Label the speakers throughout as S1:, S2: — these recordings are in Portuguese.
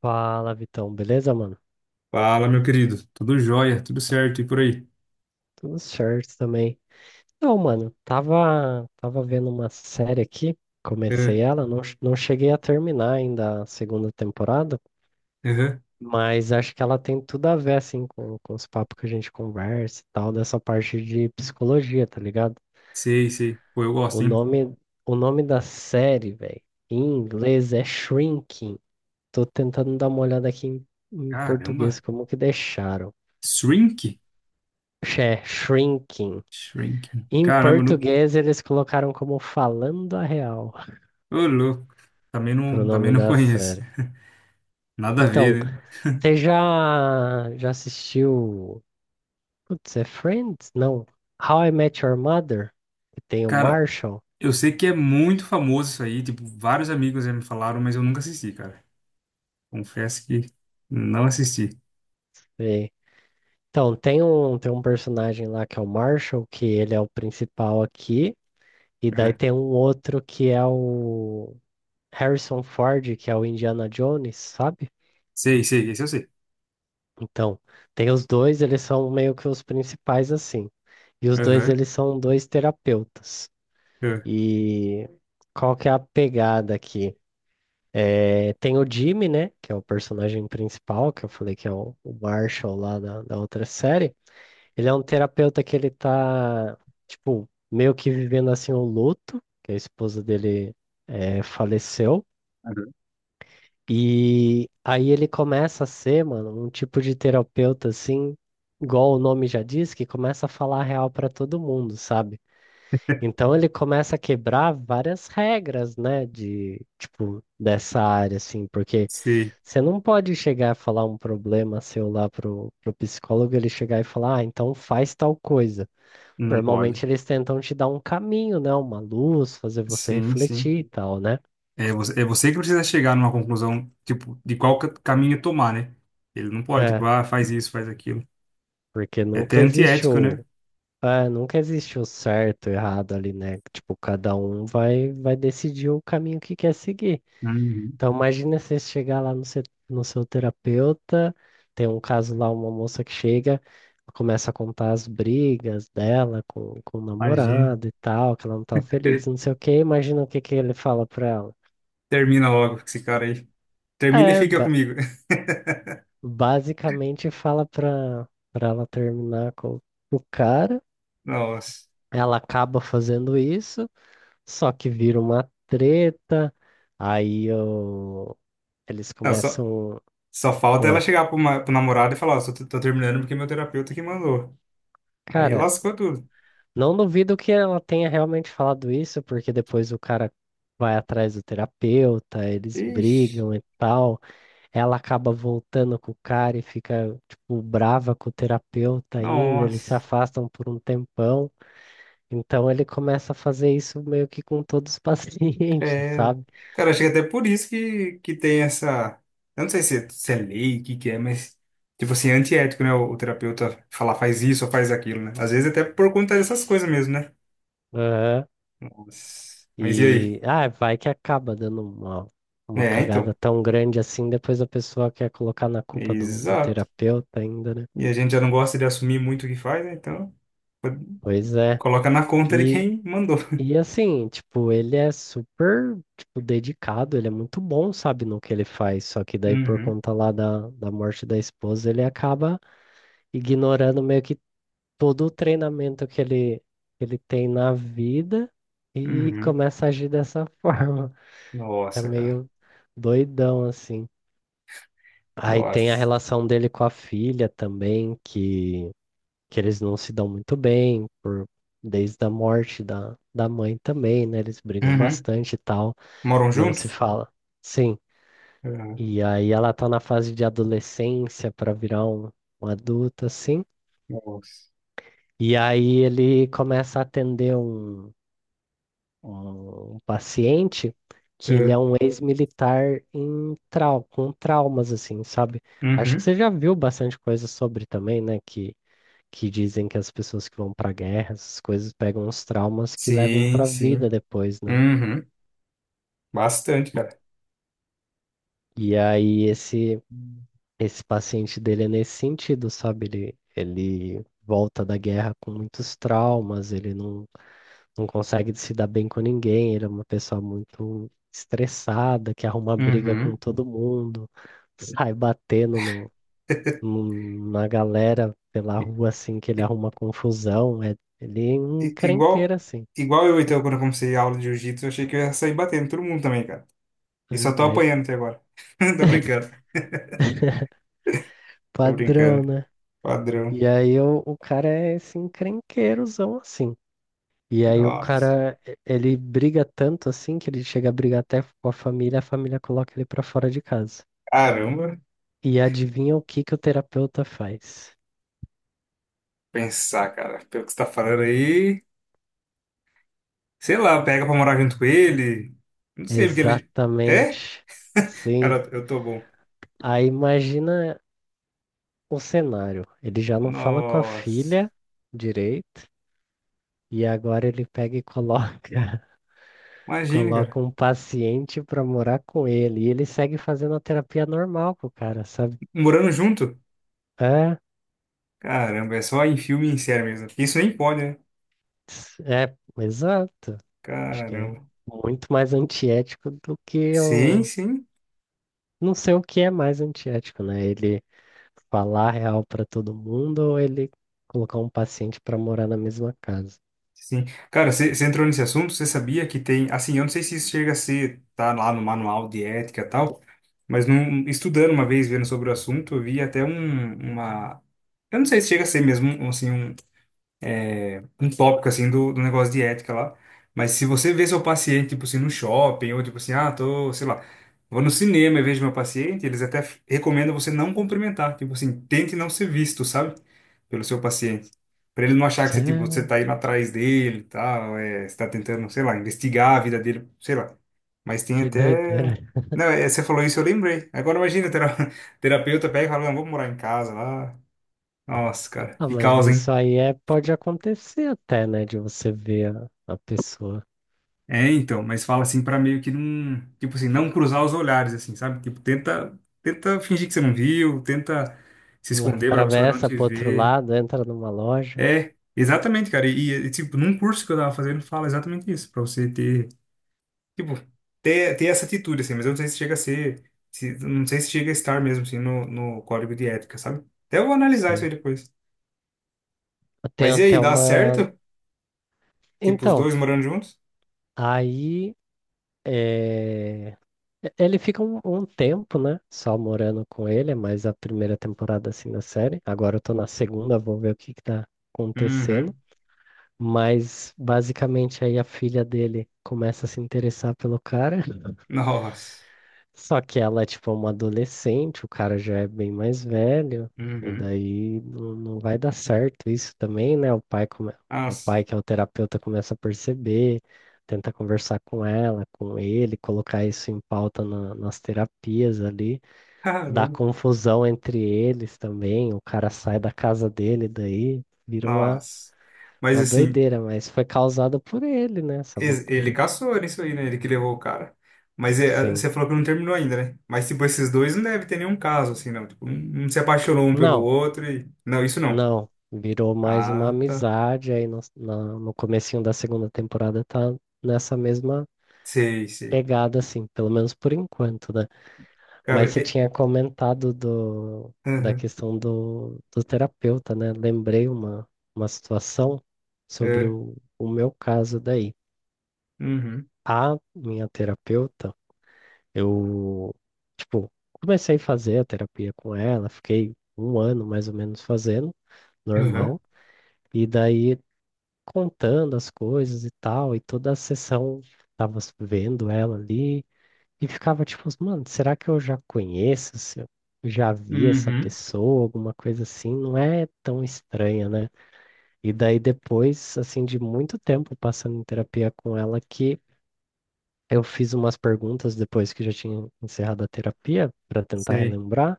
S1: Fala, Vitão, beleza, mano?
S2: Fala, meu querido. Tudo jóia, tudo certo e por aí?
S1: Tudo certo também. Não, mano, tava vendo uma série aqui,
S2: É,
S1: comecei ela, não, não cheguei a terminar ainda a segunda temporada,
S2: aham.
S1: mas acho que ela tem tudo a ver, assim, com os papos que a gente conversa e tal, dessa parte de psicologia, tá ligado?
S2: Sei, sei. Pô, eu
S1: O
S2: gosto, hein?
S1: nome, o nome da série, velho, em inglês é Shrinking. Tô tentando dar uma olhada aqui em
S2: Caramba.
S1: português, como que deixaram.
S2: Shrink?
S1: É Shrinking.
S2: Shrinking.
S1: Em
S2: Caramba, não.
S1: português, eles colocaram como Falando a Real,
S2: Ô, louco. Também
S1: pro
S2: não, também
S1: nome
S2: não
S1: da
S2: conheço.
S1: série.
S2: Nada a
S1: Então,
S2: ver, né?
S1: você já assistiu. Putz, é Friends? Não. How I Met Your Mother? Que tem o
S2: Cara,
S1: Marshall.
S2: eu sei que é muito famoso isso aí. Tipo, vários amigos já me falaram, mas eu nunca assisti, cara. Confesso que não assisti.
S1: E- Então, tem tem um personagem lá que é o Marshall, que ele é o principal aqui. E daí tem um
S2: É.
S1: outro que é o Harrison Ford, que é o Indiana Jones, sabe?
S2: Sei, sei. Esse eu sei.
S1: Então, tem os dois, eles são meio que os principais assim. E os dois,
S2: Aham.
S1: eles são dois terapeutas.
S2: Aham.
S1: E qual que é a pegada aqui? É, tem o Jimmy, né, que é o personagem principal, que eu falei que é o Marshall lá da outra série. Ele é um terapeuta que ele tá, tipo, meio que vivendo assim o luto, que a esposa dele faleceu.
S2: Aham.
S1: E aí ele começa a ser, mano, um tipo de terapeuta assim, igual o nome já diz, que começa a falar a real pra todo mundo, sabe? Então ele começa a quebrar várias regras, né, de tipo dessa área assim, porque
S2: Sei.
S1: você não pode chegar a falar um problema seu lá pro psicólogo, ele chegar e falar, ah, então faz tal coisa.
S2: Não pode.
S1: Normalmente eles tentam te dar um caminho, né, uma luz, fazer você
S2: Sim, sim.
S1: refletir e tal, né?
S2: É você que precisa chegar numa conclusão, tipo, de qual caminho tomar, né? Ele não pode, tipo,
S1: É,
S2: ah, faz isso, faz aquilo.
S1: porque
S2: É até
S1: nunca existe
S2: antiético, né?
S1: o é, nunca existe o certo e o errado ali, né? Tipo, cada um vai decidir o caminho que quer seguir.
S2: Uhum.
S1: Então, imagina você chegar lá no seu, no seu terapeuta, tem um caso lá, uma moça que chega, começa a contar as brigas dela com o
S2: Imagina.
S1: namorado e tal, que ela não tá feliz, não sei o quê. Imagina o que que ele fala pra ela.
S2: Termina logo com esse cara aí. Termina e
S1: É,
S2: fica
S1: ba-
S2: comigo.
S1: basicamente fala pra ela terminar com o cara.
S2: Nossa.
S1: Ela acaba fazendo isso. Só que vira uma treta, aí eu... eles
S2: Não, só,
S1: começam.
S2: só falta ela
S1: Oi.
S2: chegar pro namorado e falar, ó, só tô terminando porque meu terapeuta que mandou. Aí
S1: Cara,
S2: lascou tudo.
S1: não duvido que ela tenha realmente falado isso, porque depois o cara vai atrás do terapeuta, eles
S2: Ixi,
S1: brigam e tal. Ela acaba voltando com o cara e fica, tipo, brava com o terapeuta ainda, eles se
S2: nossa.
S1: afastam por um tempão. Então ele começa a fazer isso meio que com todos os pacientes,
S2: É,
S1: sabe?
S2: cara, acho que até por isso que tem essa. Eu não sei se é lei, o que é, mas. Tipo assim, é antiético, né? O terapeuta falar faz isso ou faz aquilo, né? Às vezes até por conta dessas coisas mesmo, né?
S1: Aham.
S2: Mas e aí?
S1: E ah, vai que acaba dando uma
S2: É,
S1: cagada
S2: então.
S1: tão grande assim, depois a pessoa quer colocar na culpa do
S2: Exato.
S1: terapeuta ainda, né?
S2: E a gente já não gosta de assumir muito o que faz, né? Então, pode-
S1: Pois é.
S2: coloca na conta de
S1: E,
S2: quem mandou.
S1: e assim, tipo, ele é super, tipo, dedicado, ele é muito bom, sabe, no que ele faz. Só que daí, por
S2: Uhum,
S1: conta lá da morte da esposa, ele acaba ignorando meio que todo o treinamento que ele tem na vida e
S2: uhum.
S1: começa a agir dessa forma. É
S2: Nossa, cara.
S1: meio doidão, assim. Aí tem a
S2: Nossa.
S1: relação dele com a filha também, que eles não se dão muito bem, por, desde a morte da mãe também, né? Eles brigam
S2: Uhum.
S1: bastante e tal,
S2: Moram
S1: não se
S2: juntos?
S1: fala. Sim,
S2: Uhum.
S1: e aí ela tá na fase de adolescência para virar um, um adulto, assim.
S2: Nossa.
S1: E aí ele começa a atender um paciente que ele
S2: É.
S1: é um ex-militar em trau com traumas, assim, sabe? Acho que
S2: Uhum.
S1: você já viu bastante coisa sobre também, né? Que dizem que as pessoas que vão pra guerra, essas coisas pegam uns traumas que levam
S2: Sim,
S1: pra vida
S2: sim.
S1: depois, né?
S2: Uhum. Bastante, cara.
S1: E aí esse paciente dele é nesse sentido, sabe? Ele volta da guerra com muitos traumas, ele não consegue se dar bem com ninguém, ele é uma pessoa muito estressada, que arruma briga com
S2: Uhum.
S1: todo mundo, sai batendo na galera pela rua assim que ele
S2: I-
S1: arruma confusão, é ele é um
S2: i- Igual,
S1: encrenqueiro assim.
S2: igual eu, então, quando eu comecei a aula de jiu-jitsu, eu achei que eu ia sair batendo todo mundo também, cara.
S1: É,
S2: E só tô
S1: mas
S2: apanhando até agora. Tô brincando. Tô
S1: padrão,
S2: brincando.
S1: né?
S2: Padrão.
S1: E aí o cara é esse encrenqueirozão assim. E aí o
S2: Nossa.
S1: cara, ele briga tanto assim que ele chega a brigar até com a família coloca ele pra fora de casa.
S2: Caramba.
S1: E adivinha o que que o terapeuta faz?
S2: Pensar, cara. Pelo que você tá falando aí. Sei lá, pega pra morar junto com ele. Não sei, porque ele.
S1: Exatamente.
S2: É?
S1: Sim.
S2: Cara, eu tô bom.
S1: Aí imagina o cenário. Ele já não fala com a
S2: Nossa.
S1: filha direito, e agora ele pega e coloca
S2: Imagine,
S1: Coloca
S2: cara.
S1: um paciente pra morar com ele e ele segue fazendo a terapia normal com o cara, sabe?
S2: Morando junto?
S1: É,
S2: Caramba, é só em filme e em série mesmo. Isso nem pode, né?
S1: é, exato. Acho que é
S2: Caramba.
S1: muito mais antiético do que
S2: Sim,
S1: o.
S2: sim,
S1: Não sei o que é mais antiético, né? Ele falar a real pra todo mundo ou ele colocar um paciente pra morar na mesma casa.
S2: sim. Cara, você entrou nesse assunto, você sabia que tem, assim, eu não sei se isso chega a ser, tá lá no manual de ética e tal, mas num, estudando uma vez, vendo sobre o assunto, eu vi até um, uma, eu não sei se chega a ser mesmo, assim, um, tópico assim do negócio de ética lá. Mas se você vê seu paciente, tipo assim, no shopping, ou tipo assim, ah, tô, sei lá, vou no cinema e vejo meu paciente, eles até recomendam você não cumprimentar, tipo assim, tente não ser visto, sabe? Pelo seu paciente. Pra ele não achar que
S1: Isso é-
S2: você, tipo, você tá indo atrás dele e tal, é, você tá tentando, sei lá, investigar a vida dele, sei lá. Mas tem
S1: Que doideira.
S2: até. Não, é, você falou isso, eu lembrei. Agora imagina, terapeuta pega e fala, não, vou morar em casa lá. Nossa, cara,
S1: Ah,
S2: que
S1: mas
S2: causa,
S1: isso
S2: hein?
S1: aí é, pode acontecer até, né? De você ver a pessoa.
S2: É, então, mas fala assim pra meio que não, tipo assim, não cruzar os olhares assim, sabe? Tipo, tenta fingir que você não viu, tenta se
S1: Uma
S2: esconder pra pessoa não
S1: atravessa
S2: te
S1: pro outro
S2: ver.
S1: lado, entra numa loja.
S2: É, exatamente, cara. E, tipo, num curso que eu tava fazendo, fala exatamente isso, pra você ter, tipo, ter essa atitude assim, mas eu não sei se chega a ser, se, não sei se chega a estar mesmo assim no código de ética, sabe? Até vou analisar isso
S1: Sei.
S2: aí depois.
S1: Tem
S2: Mas e aí,
S1: até
S2: dá
S1: uma.
S2: certo? Tipo, os
S1: Então,
S2: dois morando juntos?
S1: aí é, ele fica um tempo, né? Só morando com ele, é mais a primeira temporada assim da série. Agora eu tô na segunda, vou ver o que que tá acontecendo.
S2: Uhum.
S1: Mas basicamente aí a filha dele começa a se interessar pelo cara.
S2: Nossa.
S1: Só que ela é tipo uma adolescente, o cara já é bem mais velho, e
S2: Uhum.
S1: daí não, não vai dar certo isso também, né? O
S2: Nossa.
S1: pai, que é o terapeuta, começa a perceber, tenta conversar com ela, com ele, colocar isso em pauta nas terapias ali, dá
S2: Caramba.
S1: confusão entre eles também, o cara sai da casa dele, daí vira
S2: Nossa. Mas
S1: uma
S2: assim,
S1: doideira, mas foi causada por ele, né? Essa
S2: ele
S1: loucura.
S2: caçou isso aí, né? Ele que levou o cara. Mas é,
S1: Sim.
S2: você falou que não terminou ainda, né? Mas tipo, esses dois não deve ter nenhum caso, assim, não. Tipo, um se apaixonou um pelo
S1: Não,
S2: outro e. Não, isso não.
S1: Não, virou mais uma
S2: Ah, tá.
S1: amizade aí no comecinho da segunda temporada tá nessa mesma
S2: Sei, sei.
S1: pegada, assim, pelo menos por enquanto, né?
S2: Cara,
S1: Mas você
S2: é.
S1: tinha comentado do, da
S2: Aham.
S1: questão do terapeuta, né? Lembrei uma situação sobre
S2: É.
S1: o meu caso daí.
S2: Uhum.
S1: A minha terapeuta, eu, tipo, comecei a fazer a terapia com ela, fiquei um ano mais ou menos fazendo,
S2: Aham.
S1: normal. E daí contando as coisas e tal, e toda a sessão tava vendo ela ali e ficava tipo, mano, será que eu já conheço? Se eu já vi essa
S2: Uhum.
S1: pessoa, alguma coisa assim, não é tão estranha, né? E daí depois, assim, de muito tempo passando em terapia com ela, que eu fiz umas perguntas depois que já tinha encerrado a terapia para tentar
S2: Sei.
S1: relembrar,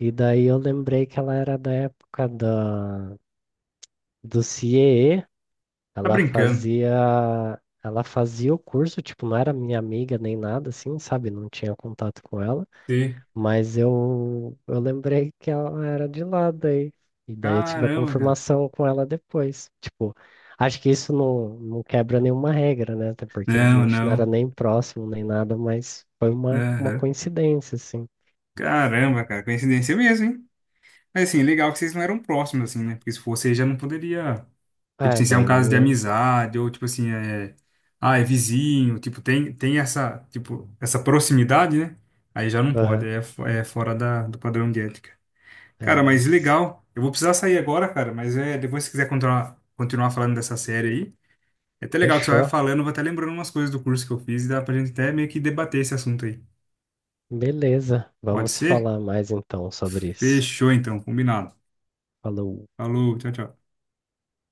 S1: e daí eu lembrei que ela era da época do CIE.
S2: Tá brincando.
S1: Ela fazia o curso, tipo, não era minha amiga nem nada, assim, sabe? Não tinha contato com ela,
S2: Sei.
S1: mas eu lembrei que ela era de lá daí. E daí eu tive a
S2: Caramba, cara.
S1: confirmação com ela depois. Tipo, acho que isso não, não quebra nenhuma regra, né? Até porque a
S2: Não,
S1: gente não era
S2: não.
S1: nem próximo nem nada, mas foi uma
S2: Aham.
S1: coincidência, assim.
S2: Caramba, cara. Coincidência mesmo, hein? Mas assim, legal que vocês não eram próximos, assim, né? Porque se fosse, aí já não poderia. Tipo
S1: É,
S2: assim, se é um
S1: daí não
S2: caso de
S1: ia.
S2: amizade, ou tipo assim, é. Ah, é vizinho, tipo, tem essa, tipo, essa proximidade, né? Aí já não pode,
S1: Aham,
S2: é, é fora do padrão de ética.
S1: é,
S2: Cara, mas
S1: mas
S2: legal. Eu vou precisar sair agora, cara, mas é, depois se quiser continuar, falando dessa série aí, é até legal que você vai
S1: fechou.
S2: falando, eu vou até lembrando umas coisas do curso que eu fiz e dá pra gente até meio que debater esse assunto aí.
S1: Beleza.
S2: Pode
S1: Vamos
S2: ser?
S1: falar mais então sobre isso.
S2: Fechou então, combinado.
S1: Falou.
S2: Falou, tchau, tchau.